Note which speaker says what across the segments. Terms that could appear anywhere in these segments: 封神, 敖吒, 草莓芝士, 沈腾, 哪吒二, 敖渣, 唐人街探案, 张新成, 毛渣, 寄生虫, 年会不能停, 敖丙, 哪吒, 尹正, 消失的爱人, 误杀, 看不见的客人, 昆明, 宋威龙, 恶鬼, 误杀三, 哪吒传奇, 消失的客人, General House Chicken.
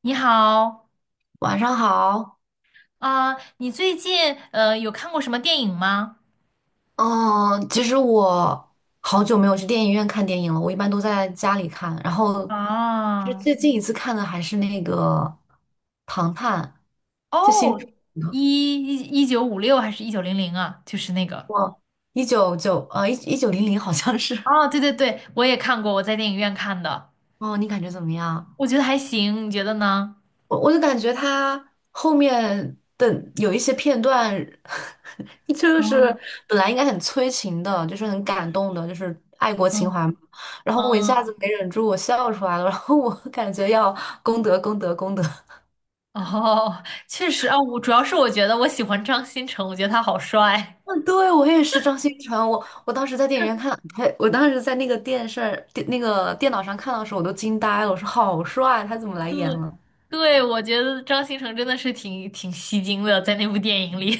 Speaker 1: 你好，
Speaker 2: 晚上好。
Speaker 1: 啊、你最近有看过什么电影吗？
Speaker 2: 嗯，其实我好久没有去电影院看电影了，我一般都在家里看。然后，其实
Speaker 1: 啊，
Speaker 2: 最近一次看的还是那个《唐探》，就新出
Speaker 1: 哦，一一一九五六还是一九零零啊？就是那个，
Speaker 2: 过一九零零好像是。
Speaker 1: 哦，对对对，我也看过，我在电影院看的，
Speaker 2: 哦，你感觉怎么样？
Speaker 1: 我觉得还行，你觉得呢？
Speaker 2: 我就感觉他后面的有一些片段，就是
Speaker 1: 嗯
Speaker 2: 本来应该很催情的，就是很感动的，就是爱国情
Speaker 1: 嗯
Speaker 2: 怀嘛。然后我一下
Speaker 1: 嗯，
Speaker 2: 子没忍住，我笑出来了。然后我感觉要功德功德功德。
Speaker 1: 哦，确实啊，我主要是我觉得我喜欢张新成，我觉得他好帅。
Speaker 2: 嗯，对，我也是张新成。我当时在电影院看，呸，我当时在那个电视电那个电脑上看到的时候，我都惊呆了。我说好帅，他怎么来演
Speaker 1: 对，
Speaker 2: 了？
Speaker 1: 对，我觉得张新成真的是挺吸睛的，在那部电影里。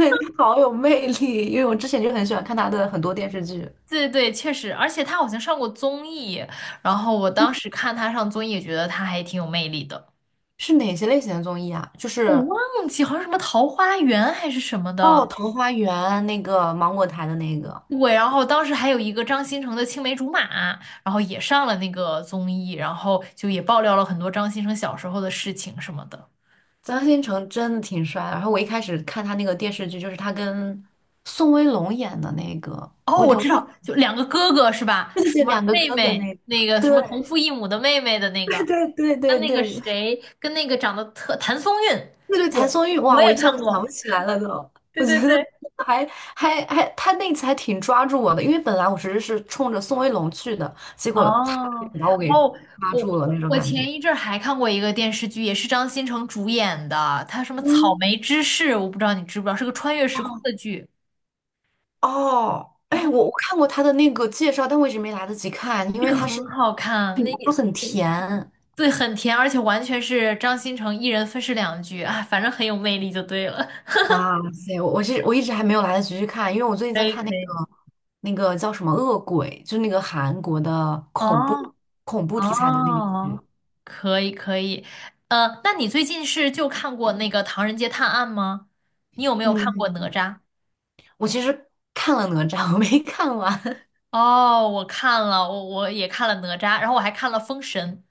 Speaker 2: 好有魅力，因为我之前就很喜欢看他的很多电视剧。
Speaker 1: 对对，确实，而且他好像上过综艺，然后我当时看他上综艺，也觉得他还挺有魅力的。
Speaker 2: 是哪些类型的综艺啊？就
Speaker 1: 我
Speaker 2: 是
Speaker 1: 忘记好像什么《桃花源》还是什么的，
Speaker 2: 哦，桃花源那个芒果台的那个
Speaker 1: 对。然后当时还有一个张新成的青梅竹马，然后也上了那个综艺，然后就也爆料了很多张新成小时候的事情什么的。
Speaker 2: 张新成真的挺帅的。然后我一开始看他那个电视剧，就是他跟宋威龙演的那个，
Speaker 1: 哦，我知道，就两个哥哥是吧？
Speaker 2: 对对
Speaker 1: 什
Speaker 2: 对，
Speaker 1: 么
Speaker 2: 两个
Speaker 1: 妹
Speaker 2: 哥哥
Speaker 1: 妹，
Speaker 2: 那
Speaker 1: 那
Speaker 2: 个，
Speaker 1: 个
Speaker 2: 对
Speaker 1: 什么同父异母的妹妹的那 个，
Speaker 2: 对对对
Speaker 1: 跟那个
Speaker 2: 对
Speaker 1: 谁，跟那个长得特谭松韵，对，
Speaker 2: 谭松韵，
Speaker 1: 我
Speaker 2: 哇，我
Speaker 1: 也
Speaker 2: 一下
Speaker 1: 看
Speaker 2: 子想
Speaker 1: 过。
Speaker 2: 不起来了都。
Speaker 1: 对
Speaker 2: 我
Speaker 1: 对
Speaker 2: 觉得
Speaker 1: 对，
Speaker 2: 还还，他那次还挺抓住我的，因为本来我其实是冲着宋威龙去的，结果他给
Speaker 1: 哦
Speaker 2: 把我给
Speaker 1: 哦，
Speaker 2: 抓
Speaker 1: 我
Speaker 2: 住了那
Speaker 1: 我
Speaker 2: 种
Speaker 1: 我
Speaker 2: 感觉。
Speaker 1: 前一阵儿还看过一个电视剧，也是张新成主演的，他什么《草
Speaker 2: 嗯，
Speaker 1: 莓芝士》，我不知道你知不知道，是个穿越时空的剧，
Speaker 2: 哦，
Speaker 1: 然
Speaker 2: 哎，
Speaker 1: 后
Speaker 2: 我看过他的那个介绍，但我一直没来得及看，因
Speaker 1: 这
Speaker 2: 为
Speaker 1: 个
Speaker 2: 他
Speaker 1: 很
Speaker 2: 是
Speaker 1: 好看，那
Speaker 2: 都
Speaker 1: 也
Speaker 2: 很甜。
Speaker 1: 对，很甜，而且完全是张新成一人分饰两角，啊，反正很有魅力就对了。
Speaker 2: 哇塞，我一直还没有来得及去看，因为我最近
Speaker 1: 可
Speaker 2: 在
Speaker 1: 以
Speaker 2: 看那
Speaker 1: 可
Speaker 2: 个
Speaker 1: 以。
Speaker 2: 那个叫什么《恶鬼》，就那个韩国的
Speaker 1: 哦
Speaker 2: 恐怖题材的那个剧。
Speaker 1: 哦，可以可以，那你最近是就看过那个《唐人街探案》吗？你有没有看过
Speaker 2: 嗯，
Speaker 1: 哪吒？
Speaker 2: 我其实看了哪吒，我没看完。
Speaker 1: 哦，我看了，我也看了哪吒，然后我还看了封神。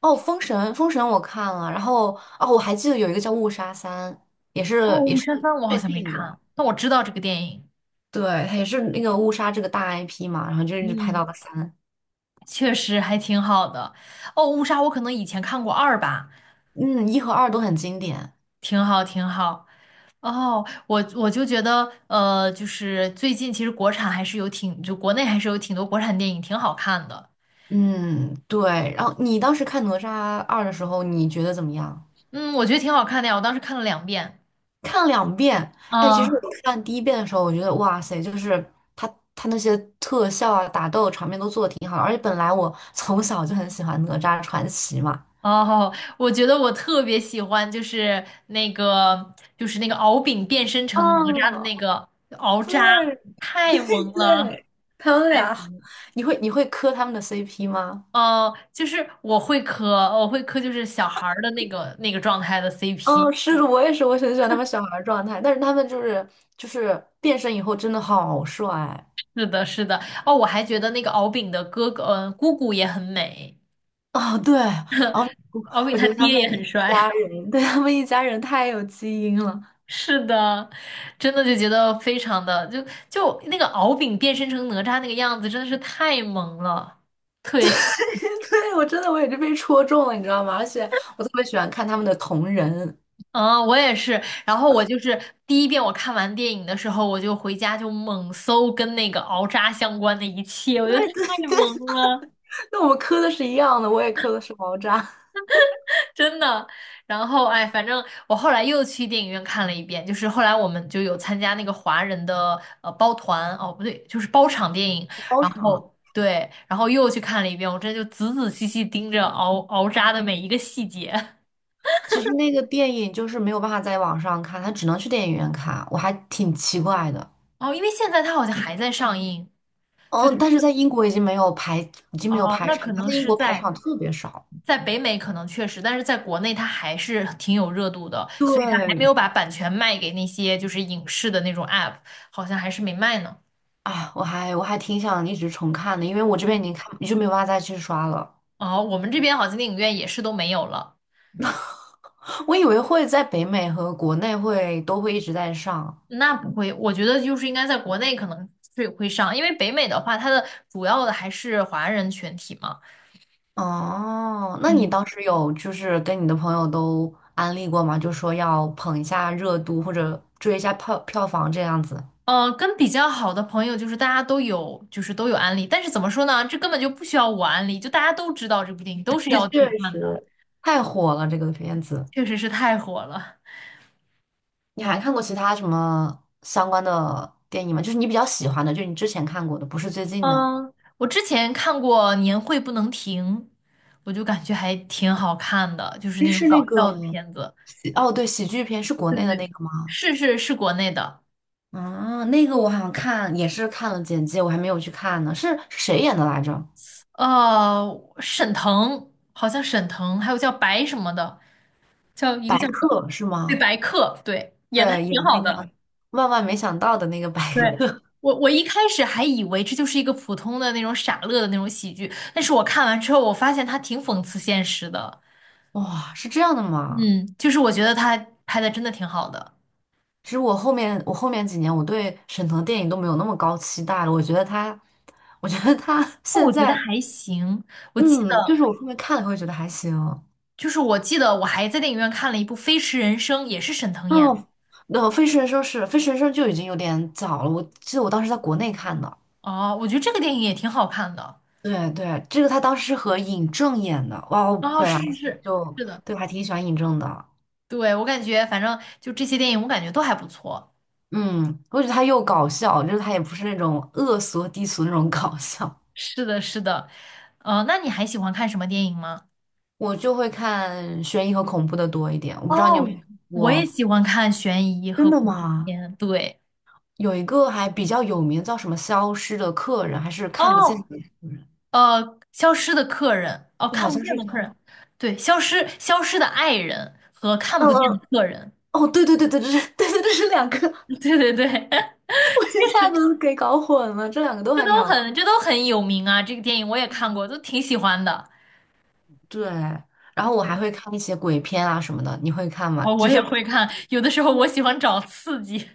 Speaker 2: 哦，《封神》我看了，然后哦，我还记得有一个叫《误杀三》，
Speaker 1: 哦，
Speaker 2: 也
Speaker 1: 武神
Speaker 2: 是
Speaker 1: 三我好
Speaker 2: 最
Speaker 1: 像没
Speaker 2: 近的，
Speaker 1: 看，但我知道这个电影，
Speaker 2: 对，它也是那个误杀这个大 IP 嘛，然后就一直拍
Speaker 1: 嗯，
Speaker 2: 到了三。
Speaker 1: 确实还挺好的。哦，误杀我可能以前看过二吧，
Speaker 2: 嗯，一和二都很经典。
Speaker 1: 挺好挺好。哦，我就觉得，就是最近其实国产还是有挺，就国内还是有挺多国产电影挺好看的，
Speaker 2: 嗯，对。然后你当时看《哪吒二》的时候，你觉得怎么样？
Speaker 1: 嗯，我觉得挺好看的呀，我当时看了两遍。
Speaker 2: 看了两遍。哎，其实我
Speaker 1: 嗯，
Speaker 2: 看第一遍的时候，我觉得哇塞，就是他那些特效啊、打斗场面都做的挺好的。而且本来我从小就很喜欢《哪吒传奇》嘛。
Speaker 1: 哦，我觉得我特别喜欢，就是那个，就是那个敖丙变身成哪吒的
Speaker 2: 哦，
Speaker 1: 那个敖吒，
Speaker 2: 对 对
Speaker 1: 太萌了，
Speaker 2: 对，他们
Speaker 1: 太萌
Speaker 2: 俩，
Speaker 1: 了。
Speaker 2: 你会磕他们的 CP 吗？
Speaker 1: 哦，就是我会磕，我会磕，就是小孩儿的那个状态的
Speaker 2: 哦，
Speaker 1: CP。
Speaker 2: 是的，我也是，我很喜欢他们。小孩儿状态，但是他们就是变身以后真的好帅。
Speaker 1: 是的，是的。哦，我还觉得那个敖丙的哥哥，嗯、姑姑也很美，
Speaker 2: 哦，对，哦，
Speaker 1: 敖丙
Speaker 2: 我觉
Speaker 1: 他
Speaker 2: 得他
Speaker 1: 爹
Speaker 2: 们
Speaker 1: 也
Speaker 2: 一
Speaker 1: 很帅。
Speaker 2: 家人，对，他们一家人太有基因了。
Speaker 1: 是的，真的就觉得非常的，就那个敖丙变身成哪吒那个样子，真的是太萌了。特别。
Speaker 2: 对，我真的我也是被戳中了，你知道吗？而且我特别喜欢看他们的同人。
Speaker 1: 嗯，我也是。然后我就是第一遍我看完电影的时候，我就回家就猛搜跟那个敖渣相关的一切，我觉得
Speaker 2: 对，
Speaker 1: 太萌了，
Speaker 2: 那我们磕的是一样的，我也磕的是毛渣
Speaker 1: 真的。然后哎，反正我后来又去电影院看了一遍，就是后来我们就有参加那个华人的包团，哦不对，就是包场电影。
Speaker 2: 包
Speaker 1: 然
Speaker 2: 场。
Speaker 1: 后对，然后又去看了一遍，我真的就仔仔细细盯着敖渣的每一个细节。
Speaker 2: 其实那个电影就是没有办法在网上看，它只能去电影院看，我还挺奇怪的。
Speaker 1: 哦，因为现在它好像还在上映，就
Speaker 2: 哦，
Speaker 1: 它那
Speaker 2: 但是
Speaker 1: 个
Speaker 2: 在英国已经没有排，已经没有
Speaker 1: 哦，
Speaker 2: 排
Speaker 1: 那可
Speaker 2: 场，他
Speaker 1: 能
Speaker 2: 在英
Speaker 1: 是
Speaker 2: 国排
Speaker 1: 在。
Speaker 2: 场特别少。
Speaker 1: 在北美可能确实，但是在国内它还是挺有热度的，所以它还没
Speaker 2: 对。
Speaker 1: 有把版权卖给那些就是影视的那种 app，好像还是没卖呢。
Speaker 2: 啊，我还挺想一直重看的，因为我这边已经看就没有办法再去刷了。
Speaker 1: 哦，我们这边好像电影院也是都没有了。
Speaker 2: 我以为会在北美和国内会都会一直在上。
Speaker 1: 那不会，我觉得就是应该在国内可能会上，因为北美的话，它的主要的还是华人群体嘛。
Speaker 2: 哦，那你当
Speaker 1: 嗯，
Speaker 2: 时有就是跟你的朋友都安利过吗？就说要捧一下热度或者追一下票票房这样子。
Speaker 1: 跟比较好的朋友就是大家都有，就是都有安利，但是怎么说呢？这根本就不需要我安利，就大家都知道这部电影，都是 要去
Speaker 2: 确
Speaker 1: 看的，
Speaker 2: 实太火了这个片子。
Speaker 1: 确实是太火了。
Speaker 2: 你还看过其他什么相关的电影吗？就是你比较喜欢的，就你之前看过的，不是最近的。
Speaker 1: 嗯，我之前看过《年会不能停》，我就感觉还挺好看的，就是
Speaker 2: 诶
Speaker 1: 那种
Speaker 2: 是
Speaker 1: 搞
Speaker 2: 那个。
Speaker 1: 笑的片子。
Speaker 2: 哦，对，喜剧片是国
Speaker 1: 对
Speaker 2: 内的
Speaker 1: 对
Speaker 2: 那
Speaker 1: 对，
Speaker 2: 个吗？
Speaker 1: 是是是国内的，
Speaker 2: 啊，那个我好像看也是看了简介，我还没有去看呢。是谁演的来着？
Speaker 1: 呃，沈腾好像沈腾，还有叫白什么的，叫一个
Speaker 2: 白
Speaker 1: 叫
Speaker 2: 客是
Speaker 1: 对
Speaker 2: 吗？
Speaker 1: 白客，对，演的还
Speaker 2: 对，演
Speaker 1: 挺好
Speaker 2: 那个
Speaker 1: 的。
Speaker 2: 万万没想到的那个白
Speaker 1: 对，
Speaker 2: 客。
Speaker 1: 我一开始还以为这就是一个普通的那种傻乐的那种喜剧，但是我看完之后，我发现他挺讽刺现实的。
Speaker 2: 哇，是这样的吗？
Speaker 1: 嗯，就是我觉得他拍的真的挺好的。
Speaker 2: 其实我后面几年我对沈腾电影都没有那么高期待了。我觉得他，我觉得他
Speaker 1: 哦，
Speaker 2: 现
Speaker 1: 我觉得
Speaker 2: 在，
Speaker 1: 还行。我记得，
Speaker 2: 嗯，就是我后面看了会觉得还行。
Speaker 1: 就是我记得我还在电影院看了一部《飞驰人生》，也是沈腾演的。
Speaker 2: 哦，那《飞驰人生》就已经有点早了，我记得我当时在国内看的。
Speaker 1: 哦，我觉得这个电影也挺好看的。
Speaker 2: 对对，这个他当时是和尹正演的，哇，我
Speaker 1: 哦，
Speaker 2: 本来
Speaker 1: 是是是，
Speaker 2: 就
Speaker 1: 是的，
Speaker 2: 对我还挺喜欢尹正的。
Speaker 1: 对，我感觉反正就这些电影，我感觉都还不错。
Speaker 2: 嗯，我觉得他又搞笑，就是他也不是那种恶俗低俗那种搞笑。
Speaker 1: 是的，是的。那你还喜欢看什么电影吗？
Speaker 2: 我就会看悬疑和恐怖的多一点，我不知道你有没有
Speaker 1: 哦，
Speaker 2: 看
Speaker 1: 我也
Speaker 2: 过。
Speaker 1: 喜欢看悬疑和
Speaker 2: 真的
Speaker 1: 恐怖
Speaker 2: 吗？
Speaker 1: 片。对，
Speaker 2: 有一个还比较有名，叫什么《消失的客人》还是看不见的
Speaker 1: 哦，
Speaker 2: 客人，
Speaker 1: 呃，《消失的客人》哦，
Speaker 2: 就好
Speaker 1: 《看不
Speaker 2: 像
Speaker 1: 见
Speaker 2: 是
Speaker 1: 的客
Speaker 2: 叫，
Speaker 1: 人》，对，《消失的爱人》和《看
Speaker 2: 嗯
Speaker 1: 不见的
Speaker 2: 嗯，
Speaker 1: 客人》。
Speaker 2: 哦，对对对，这是，这是两个，
Speaker 1: 对对对，
Speaker 2: 我一下子给搞混了，这两个都
Speaker 1: 这
Speaker 2: 还挺
Speaker 1: 都
Speaker 2: 好看。
Speaker 1: 很这都很有名啊，这个电影我也看过，都挺喜欢的。
Speaker 2: 对，然后我还
Speaker 1: 嗯
Speaker 2: 会看一些鬼片啊什么的，你会看吗？
Speaker 1: 哦，我
Speaker 2: 就是
Speaker 1: 也 会看，有的时候我喜欢找刺激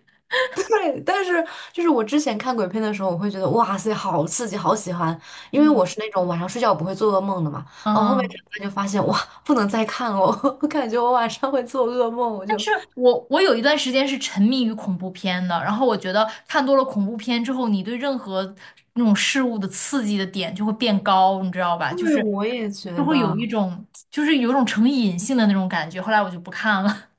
Speaker 2: 对，但是就是我之前看鬼片的时候，我会觉得哇塞，好刺激，好喜欢，因为
Speaker 1: 嗯，
Speaker 2: 我是那种晚上睡觉不会做噩梦的嘛。然后后面长
Speaker 1: 嗯，
Speaker 2: 大就发现哇，不能再看了，我感觉我晚上会做噩梦，我就
Speaker 1: 我有一段时间是沉迷于恐怖片的，然后我觉得看多了恐怖片之后，你对任何那种事物的刺激的点就会变高，你知道吧？
Speaker 2: 因
Speaker 1: 就
Speaker 2: 为
Speaker 1: 是
Speaker 2: 我也觉
Speaker 1: 就会有一
Speaker 2: 得
Speaker 1: 种就是有一种成瘾性的那种感觉，后来我就不看了。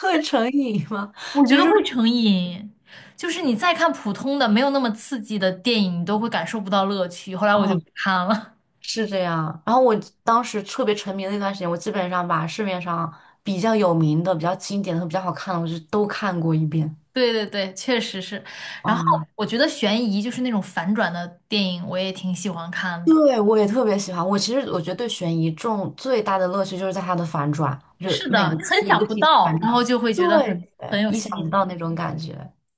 Speaker 2: 会成瘾吗？
Speaker 1: 我觉得会成瘾，就是你再看普通的、没有那么刺激的电影，你都会感受不到乐趣。后来我就不
Speaker 2: 嗯，
Speaker 1: 看了。
Speaker 2: 是这样。然后我当时特别沉迷的那段时间，我基本上把市面上比较有名的、比较经典的、比较好看的，我就都看过一遍。
Speaker 1: 对对对，确实是。然后
Speaker 2: 哇，
Speaker 1: 我觉得悬疑就是那种反转的电影，我也挺喜欢看的。
Speaker 2: 对，我也特别喜欢。我其实我觉得对悬疑中最大的乐趣就是在它的反转，就
Speaker 1: 是
Speaker 2: 每
Speaker 1: 的，
Speaker 2: 一
Speaker 1: 你
Speaker 2: 次
Speaker 1: 很
Speaker 2: 的一
Speaker 1: 想
Speaker 2: 个
Speaker 1: 不
Speaker 2: 题材反
Speaker 1: 到，
Speaker 2: 转，
Speaker 1: 然后就会觉得很
Speaker 2: 对
Speaker 1: 很
Speaker 2: 对，
Speaker 1: 有
Speaker 2: 意想
Speaker 1: 吸引
Speaker 2: 不到
Speaker 1: 力。
Speaker 2: 那种感觉。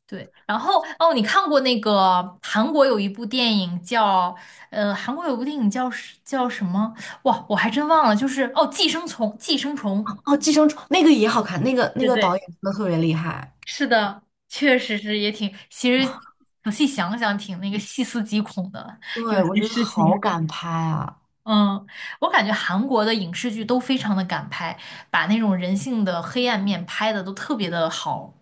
Speaker 1: 对，然后哦，你看过那个韩国有一部电影叫韩国有部电影叫是叫什么？哇，我还真忘了，就是哦，《寄生虫》《寄生虫》。
Speaker 2: 哦，《寄生虫》那个也好看，那个那
Speaker 1: 对
Speaker 2: 个导
Speaker 1: 对，
Speaker 2: 演真的特别厉害。
Speaker 1: 是的，确实是也挺，其实仔细想想挺那个细思极恐的，有
Speaker 2: 对，我
Speaker 1: 些
Speaker 2: 觉得
Speaker 1: 事情。
Speaker 2: 好敢拍啊！
Speaker 1: 嗯，我感觉韩国的影视剧都非常的敢拍，把那种人性的黑暗面拍的都特别的好。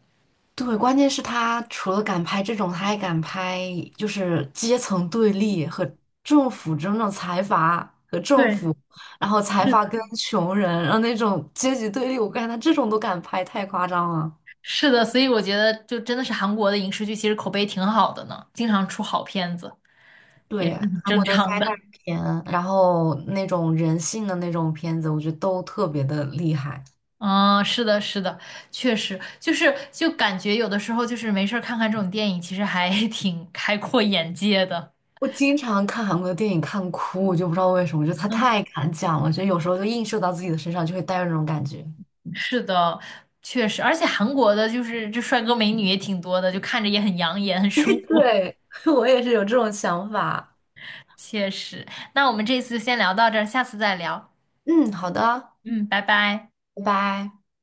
Speaker 2: 对，关键是他除了敢拍这种，他还敢拍就是阶层对立和政府这种财阀和政
Speaker 1: 对，
Speaker 2: 府，然后财
Speaker 1: 是
Speaker 2: 阀
Speaker 1: 的，
Speaker 2: 跟穷人，然后那种阶级对立，我感觉他这种都敢拍，太夸张了。
Speaker 1: 是的，所以我觉得就真的是韩国的影视剧其实口碑挺好的呢，经常出好片子也是
Speaker 2: 对，
Speaker 1: 很
Speaker 2: 韩
Speaker 1: 正
Speaker 2: 国的灾
Speaker 1: 常的。
Speaker 2: 难片，然后那种人性的那种片子，我觉得都特别的厉害。
Speaker 1: 嗯，是的，是的，确实就是就感觉有的时候就是没事儿看看这种电影，其实还 挺开阔眼界的。
Speaker 2: 我经常看韩国的电影看哭，我就不知道为什么，就他太敢讲了，就有时候就映射到自己的身上，就会带有那种感觉。
Speaker 1: 是的，确实，而且韩国的就是这帅哥美女也挺多的，就看着也很养眼，很舒服。
Speaker 2: 对，我也是有这种想法。
Speaker 1: 确实，那我们这次就先聊到这儿，下次再聊。
Speaker 2: 嗯，好的。
Speaker 1: 嗯，拜拜。
Speaker 2: 拜拜。